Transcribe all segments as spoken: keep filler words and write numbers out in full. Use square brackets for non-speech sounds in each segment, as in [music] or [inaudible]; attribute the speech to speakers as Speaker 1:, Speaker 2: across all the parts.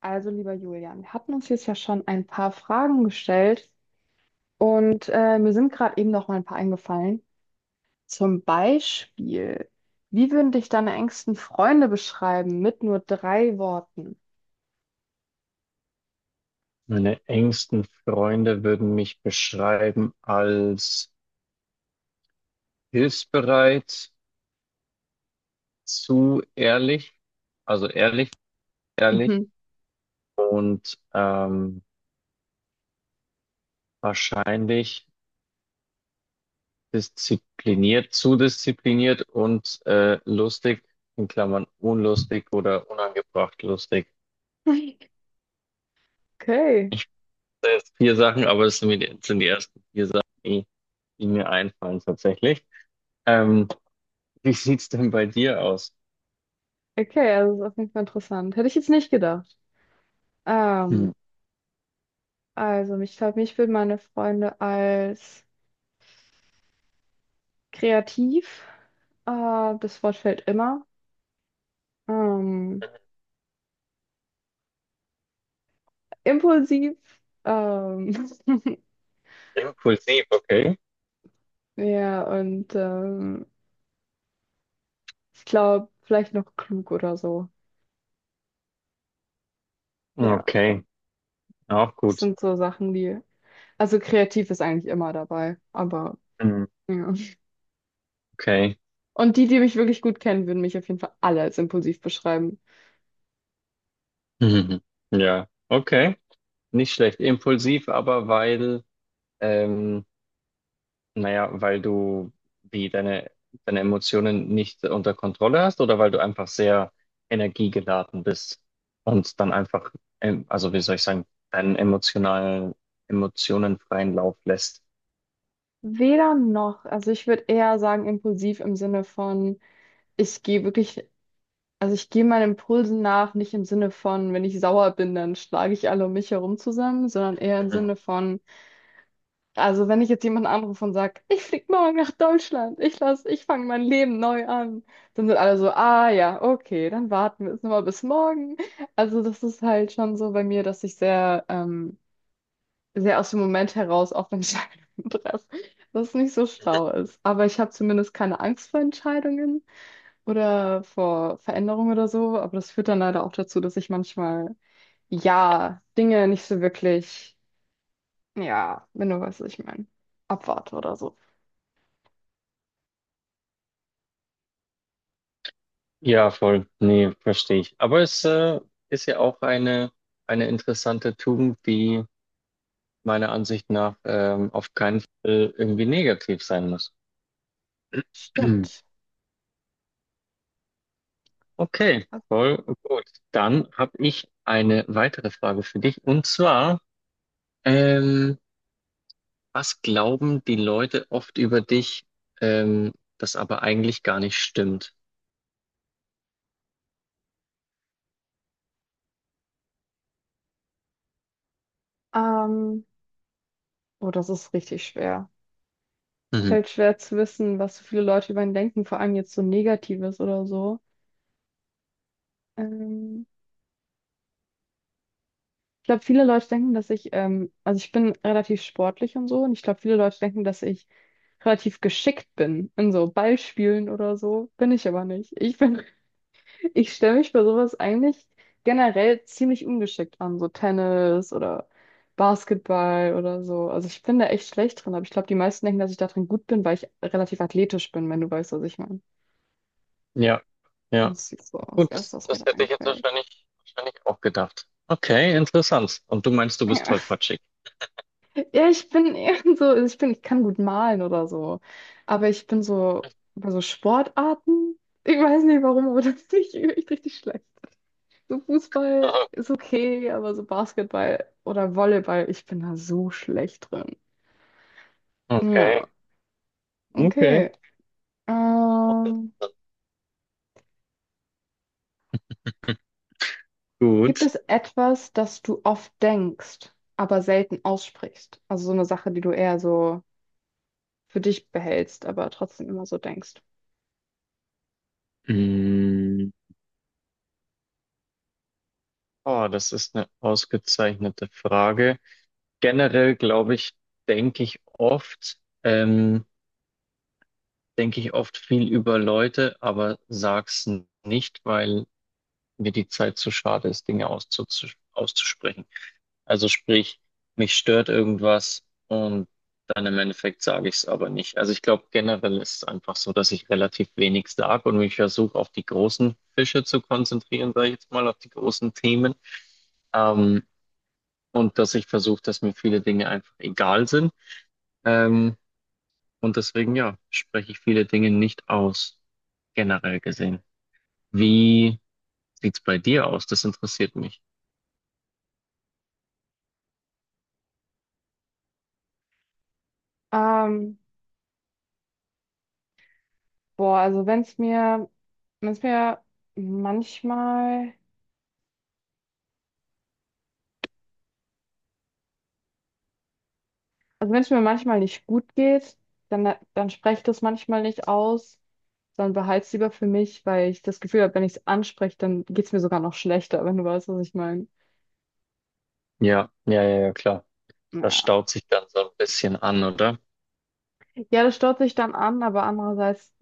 Speaker 1: Also, lieber Julian, wir hatten uns jetzt ja schon ein paar Fragen gestellt und äh, mir sind gerade eben noch mal ein paar eingefallen. Zum Beispiel, wie würden dich deine engsten Freunde beschreiben mit nur drei Worten?
Speaker 2: Meine engsten Freunde würden mich beschreiben als hilfsbereit, zu ehrlich, also ehrlich, ehrlich
Speaker 1: Mhm.
Speaker 2: und ähm, wahrscheinlich diszipliniert, zu diszipliniert und äh, lustig, in Klammern unlustig oder unangebracht lustig.
Speaker 1: [laughs] Okay,
Speaker 2: Das sind jetzt vier Sachen, aber es sind die, sind die ersten vier Sachen, die, die mir einfallen tatsächlich. Ähm, Wie sieht's denn bei dir aus?
Speaker 1: okay, also das ist auf jeden Fall interessant. Hätte ich jetzt nicht gedacht.
Speaker 2: Hm.
Speaker 1: Ähm, also, ich glaube, mich würden meine Freunde als kreativ, äh, das Wort fällt immer, ähm, impulsiv, ähm, [laughs]
Speaker 2: Impulsiv, okay.
Speaker 1: Ja, und ähm, ich glaube, vielleicht noch klug oder so. Ja,
Speaker 2: Okay, auch
Speaker 1: das
Speaker 2: gut.
Speaker 1: sind so Sachen, die. Also kreativ ist eigentlich immer dabei, aber
Speaker 2: Hm.
Speaker 1: ja.
Speaker 2: Okay.
Speaker 1: Und die, die mich wirklich gut kennen, würden mich auf jeden Fall alle als impulsiv beschreiben.
Speaker 2: [laughs] Mhm. Ja, okay. Nicht schlecht. Impulsiv, aber weil, ähm, naja, weil du wie deine, deine Emotionen nicht unter Kontrolle hast oder weil du einfach sehr energiegeladen bist und dann einfach, ähm, also wie soll ich sagen, deinen emotionalen, Emotionen freien Lauf lässt.
Speaker 1: Weder noch. Also ich würde eher sagen, impulsiv im Sinne von, ich gehe wirklich, also ich gehe meinen Impulsen nach, nicht im Sinne von, wenn ich sauer bin, dann schlage ich alle um mich herum zusammen, sondern eher im
Speaker 2: Mhm.
Speaker 1: Sinne von, also wenn ich jetzt jemanden anrufe und sage, ich flieg morgen nach Deutschland, ich lass, ich fange mein Leben neu an, dann sind alle so, ah ja, okay, dann warten wir jetzt nochmal bis morgen. Also das ist halt schon so bei mir, dass ich sehr, ähm, sehr aus dem Moment heraus auf Entscheidungen [laughs] treffe, was nicht so
Speaker 2: Mhm.
Speaker 1: schlau ist. Aber ich habe zumindest keine Angst vor Entscheidungen oder vor Veränderungen oder so. Aber das führt dann leider auch dazu, dass ich manchmal, ja, Dinge nicht so wirklich, ja, wenn du weißt, was ich meine, abwarte oder so.
Speaker 2: Ja, voll. Nee, verstehe ich. Aber es äh, ist ja auch eine, eine interessante Tugend, die meiner Ansicht nach ähm, auf keinen Fall irgendwie negativ sein muss.
Speaker 1: Stimmt.
Speaker 2: [clears throat] Okay, voll gut. Dann habe ich eine weitere Frage für dich. Und zwar, ähm, was glauben die Leute oft über dich, ähm, das aber eigentlich gar nicht stimmt?
Speaker 1: Ähm, oh, das ist richtig schwer.
Speaker 2: Mhm.
Speaker 1: Fällt schwer zu wissen, was so viele Leute über ihn denken, vor allem jetzt so Negatives oder so. Ähm, ich glaube, viele Leute denken, dass ich, ähm, also ich bin relativ sportlich und so, und ich glaube, viele Leute denken, dass ich relativ geschickt bin in so Ballspielen oder so. Bin ich aber nicht. Ich bin [laughs] ich stelle mich bei sowas eigentlich generell ziemlich ungeschickt an, so Tennis oder Basketball oder so. Also ich bin da echt schlecht drin, aber ich glaube, die meisten denken, dass ich da drin gut bin, weil ich relativ athletisch bin, wenn du weißt, was ich meine.
Speaker 2: Ja,
Speaker 1: Und
Speaker 2: ja.
Speaker 1: das ist so das
Speaker 2: Gut,
Speaker 1: Erste,
Speaker 2: das,
Speaker 1: was mir
Speaker 2: das
Speaker 1: da
Speaker 2: hätte ich jetzt
Speaker 1: einfällt.
Speaker 2: wahrscheinlich, wahrscheinlich auch gedacht. Okay, interessant. Und du meinst, du
Speaker 1: [laughs]
Speaker 2: bist
Speaker 1: Ja,
Speaker 2: tollpatschig.
Speaker 1: ja, ich bin [laughs] eher so, also ich bin, ich kann gut malen oder so, aber ich bin so bei so Sportarten, ich weiß nicht warum, aber [laughs] das bin ich echt richtig schlecht. So Fußball
Speaker 2: [laughs]
Speaker 1: ist okay, aber so Basketball oder Volleyball, ich bin da so schlecht drin.
Speaker 2: Okay,
Speaker 1: Ja,
Speaker 2: okay.
Speaker 1: okay.
Speaker 2: Auch interessant.
Speaker 1: Ähm, gibt
Speaker 2: Gut.
Speaker 1: es etwas, das du oft denkst, aber selten aussprichst? Also so eine Sache, die du eher so für dich behältst, aber trotzdem immer so denkst.
Speaker 2: Mm. Oh, das ist eine ausgezeichnete Frage. Generell glaube ich, denke ich oft, ähm, denke ich oft viel über Leute, aber sag's n- nicht, weil mir die Zeit zu schade ist, Dinge auszuzu- auszusprechen. Also sprich, mich stört irgendwas und dann im Endeffekt sage ich es aber nicht. Also ich glaube, generell ist es einfach so, dass ich relativ wenig sage und mich versuche, auf die großen Fische zu konzentrieren, sage ich jetzt mal, auf die großen Themen. Ähm, und dass ich versuche, dass mir viele Dinge einfach egal sind. Ähm, und deswegen, ja, spreche ich viele Dinge nicht aus, generell gesehen. Wie sieht's bei dir aus? Das interessiert mich.
Speaker 1: Ähm, boah, also wenn es mir, wenn es mir manchmal. Also wenn es mir manchmal nicht gut geht, dann, dann spreche ich das manchmal nicht aus, sondern behalte es lieber für mich, weil ich das Gefühl habe, wenn ich es anspreche, dann geht es mir sogar noch schlechter, wenn du weißt, was ich meine.
Speaker 2: Ja, ja, ja, ja, klar. Das
Speaker 1: Ja.
Speaker 2: staut sich dann so ein bisschen an, oder?
Speaker 1: Ja, das staut sich dann an, aber andererseits,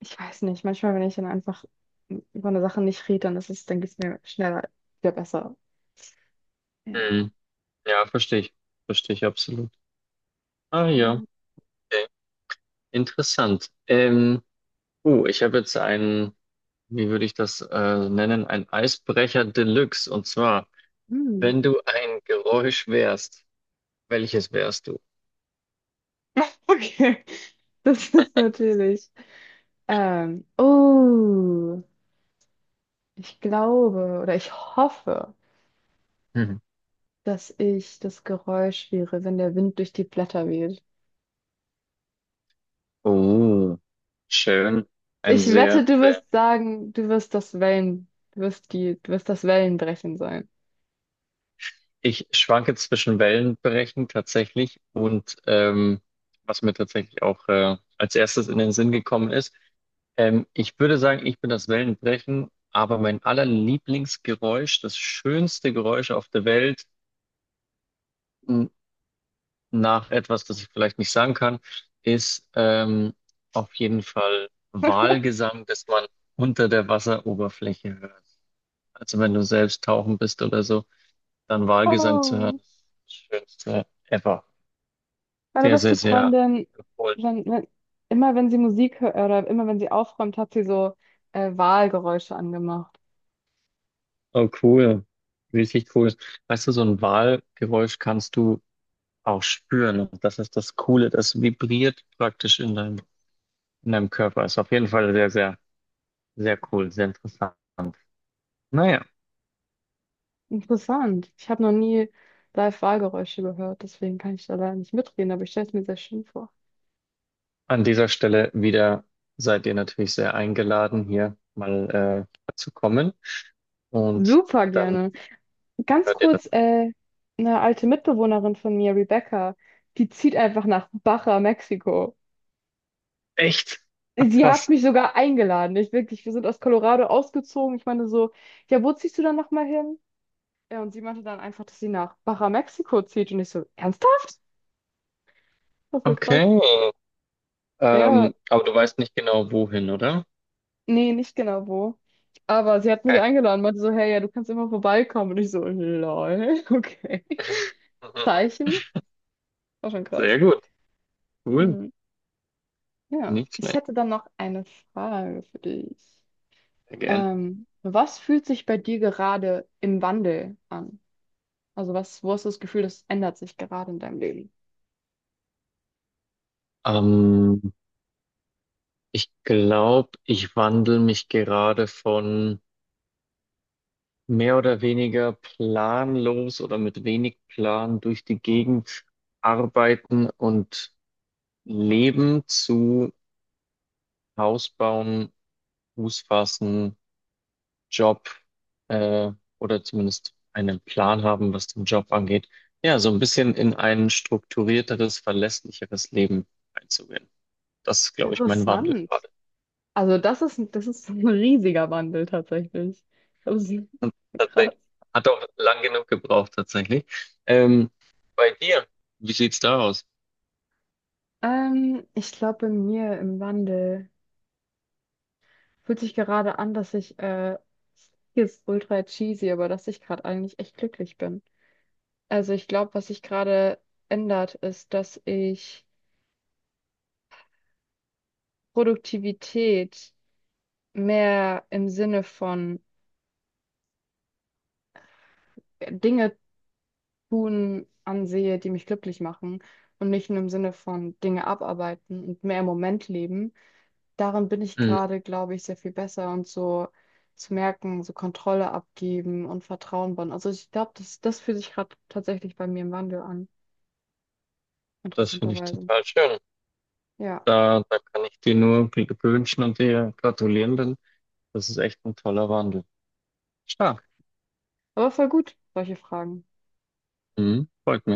Speaker 1: ich weiß nicht, manchmal, wenn ich dann einfach über eine Sache nicht rede, dann ist es, dann geht es mir schneller wieder besser. Ja.
Speaker 2: Mhm. Ja, verstehe ich. Verstehe ich absolut. Ah ja,
Speaker 1: Ja.
Speaker 2: okay. Interessant. Ähm, uh, ich habe jetzt einen, wie würde ich das äh, nennen, ein Eisbrecher Deluxe. Und zwar,
Speaker 1: Hm.
Speaker 2: wenn du ein Geräusch wärst. Welches wärst du?
Speaker 1: Okay. [laughs] Das ist natürlich. Ähm, oh, ich glaube oder ich hoffe,
Speaker 2: Mhm.
Speaker 1: dass ich das Geräusch wäre, wenn der Wind durch die Blätter weht.
Speaker 2: Oh, schön. Ein
Speaker 1: Ich wette,
Speaker 2: sehr,
Speaker 1: du
Speaker 2: sehr.
Speaker 1: wirst sagen, du wirst das Wellen, du wirst die, du wirst das Wellenbrechen sein.
Speaker 2: Ich schwanke zwischen Wellenbrechen tatsächlich und ähm, was mir tatsächlich auch äh, als erstes in den Sinn gekommen ist. Ähm, ich würde sagen, ich bin das Wellenbrechen, aber mein allerlieblingsgeräusch, das schönste Geräusch auf der Welt, n- nach etwas, das ich vielleicht nicht sagen kann, ist ähm, auf jeden Fall
Speaker 1: [laughs]
Speaker 2: Walgesang, das man unter der Wasseroberfläche hört. Also wenn du selbst tauchen bist oder so, dann Walgesang zu hören,
Speaker 1: Oh,
Speaker 2: ist das Schönste ever.
Speaker 1: meine
Speaker 2: Sehr, sehr,
Speaker 1: beste
Speaker 2: sehr
Speaker 1: Freundin,
Speaker 2: empfohlen.
Speaker 1: wenn, wenn, immer wenn sie Musik hört oder immer wenn sie aufräumt, hat sie so äh, Wahlgeräusche angemacht.
Speaker 2: Oh, cool. Richtig cool. Weißt du, so ein Walgeräusch kannst du auch spüren. Und das ist das Coole. Das vibriert praktisch in deinem, in deinem Körper. Ist auf jeden Fall sehr, sehr, sehr cool, sehr interessant. Naja,
Speaker 1: Interessant. Ich habe noch nie live Wahlgeräusche gehört, deswegen kann ich da leider nicht mitreden, aber ich stelle es mir sehr schön vor.
Speaker 2: an dieser Stelle wieder seid ihr natürlich sehr eingeladen, hier mal äh, zu kommen. Und
Speaker 1: Super
Speaker 2: dann
Speaker 1: gerne. Ganz
Speaker 2: hört ihr
Speaker 1: kurz,
Speaker 2: das.
Speaker 1: äh, eine alte Mitbewohnerin von mir, Rebecca, die zieht einfach nach Baja, Mexiko.
Speaker 2: Echt? Ach,
Speaker 1: Sie hat
Speaker 2: krass.
Speaker 1: mich sogar eingeladen. Ich wirklich, wir sind aus Colorado ausgezogen. Ich meine so, ja, wo ziehst du dann nochmal hin? Ja, und sie meinte dann einfach, dass sie nach Baja, Mexiko zieht. Und ich so, ernsthaft? Das war voll krass.
Speaker 2: Okay.
Speaker 1: Ja,
Speaker 2: Ähm, aber du weißt nicht genau wohin, oder?
Speaker 1: nee, nicht genau wo. Aber sie hat mich
Speaker 2: Okay.
Speaker 1: eingeladen, meinte so, hey, ja, du kannst immer vorbeikommen. Und ich so, lol, okay. [laughs]
Speaker 2: [laughs]
Speaker 1: Zeichen? War schon krass.
Speaker 2: Sehr gut. Cool.
Speaker 1: Hm. Ja,
Speaker 2: Nicht
Speaker 1: ich
Speaker 2: schlecht.
Speaker 1: hätte dann noch eine Frage für dich.
Speaker 2: Sehr gern.
Speaker 1: Ähm, was fühlt sich bei dir gerade im Wandel an? Also was, wo hast du das Gefühl, das ändert sich gerade in deinem Leben?
Speaker 2: Ähm, Ich glaube, ich wandel mich gerade von mehr oder weniger planlos oder mit wenig Plan durch die Gegend arbeiten und leben zu Haus bauen, Fuß fassen, Job äh, oder zumindest einen Plan haben, was den Job angeht, ja, so ein bisschen in ein strukturierteres, verlässlicheres Leben einzugehen. Das ist, glaube ich, mein Wandel
Speaker 1: Interessant.
Speaker 2: gerade.
Speaker 1: Also das ist, das ist [laughs] ein riesiger Wandel tatsächlich. Das ist
Speaker 2: Und
Speaker 1: krass.
Speaker 2: tatsächlich. Hat auch lang genug gebraucht, tatsächlich. Ähm, Bei dir, wie sieht's da aus?
Speaker 1: Ähm, ich glaube, bei mir im Wandel fühlt sich gerade an, dass ich, äh, hier ist ultra cheesy, aber dass ich gerade eigentlich echt glücklich bin. Also ich glaube, was sich gerade ändert, ist, dass ich Produktivität mehr im Sinne von Dinge tun ansehe, die mich glücklich machen und nicht nur im Sinne von Dinge abarbeiten und mehr im Moment leben. Darin bin ich
Speaker 2: Hm,
Speaker 1: gerade, glaube ich, sehr viel besser und so zu merken, so Kontrolle abgeben und Vertrauen bauen. Also ich glaube, das, das fühlt sich gerade tatsächlich bei mir im Wandel an,
Speaker 2: das finde ich
Speaker 1: interessanterweise.
Speaker 2: total schön.
Speaker 1: Ja,
Speaker 2: Da, da kann ich dir nur Glück wünschen und dir gratulieren, denn das ist echt ein toller Wandel. Stark.
Speaker 1: aber voll gut, solche Fragen.
Speaker 2: Mhm, freut mich.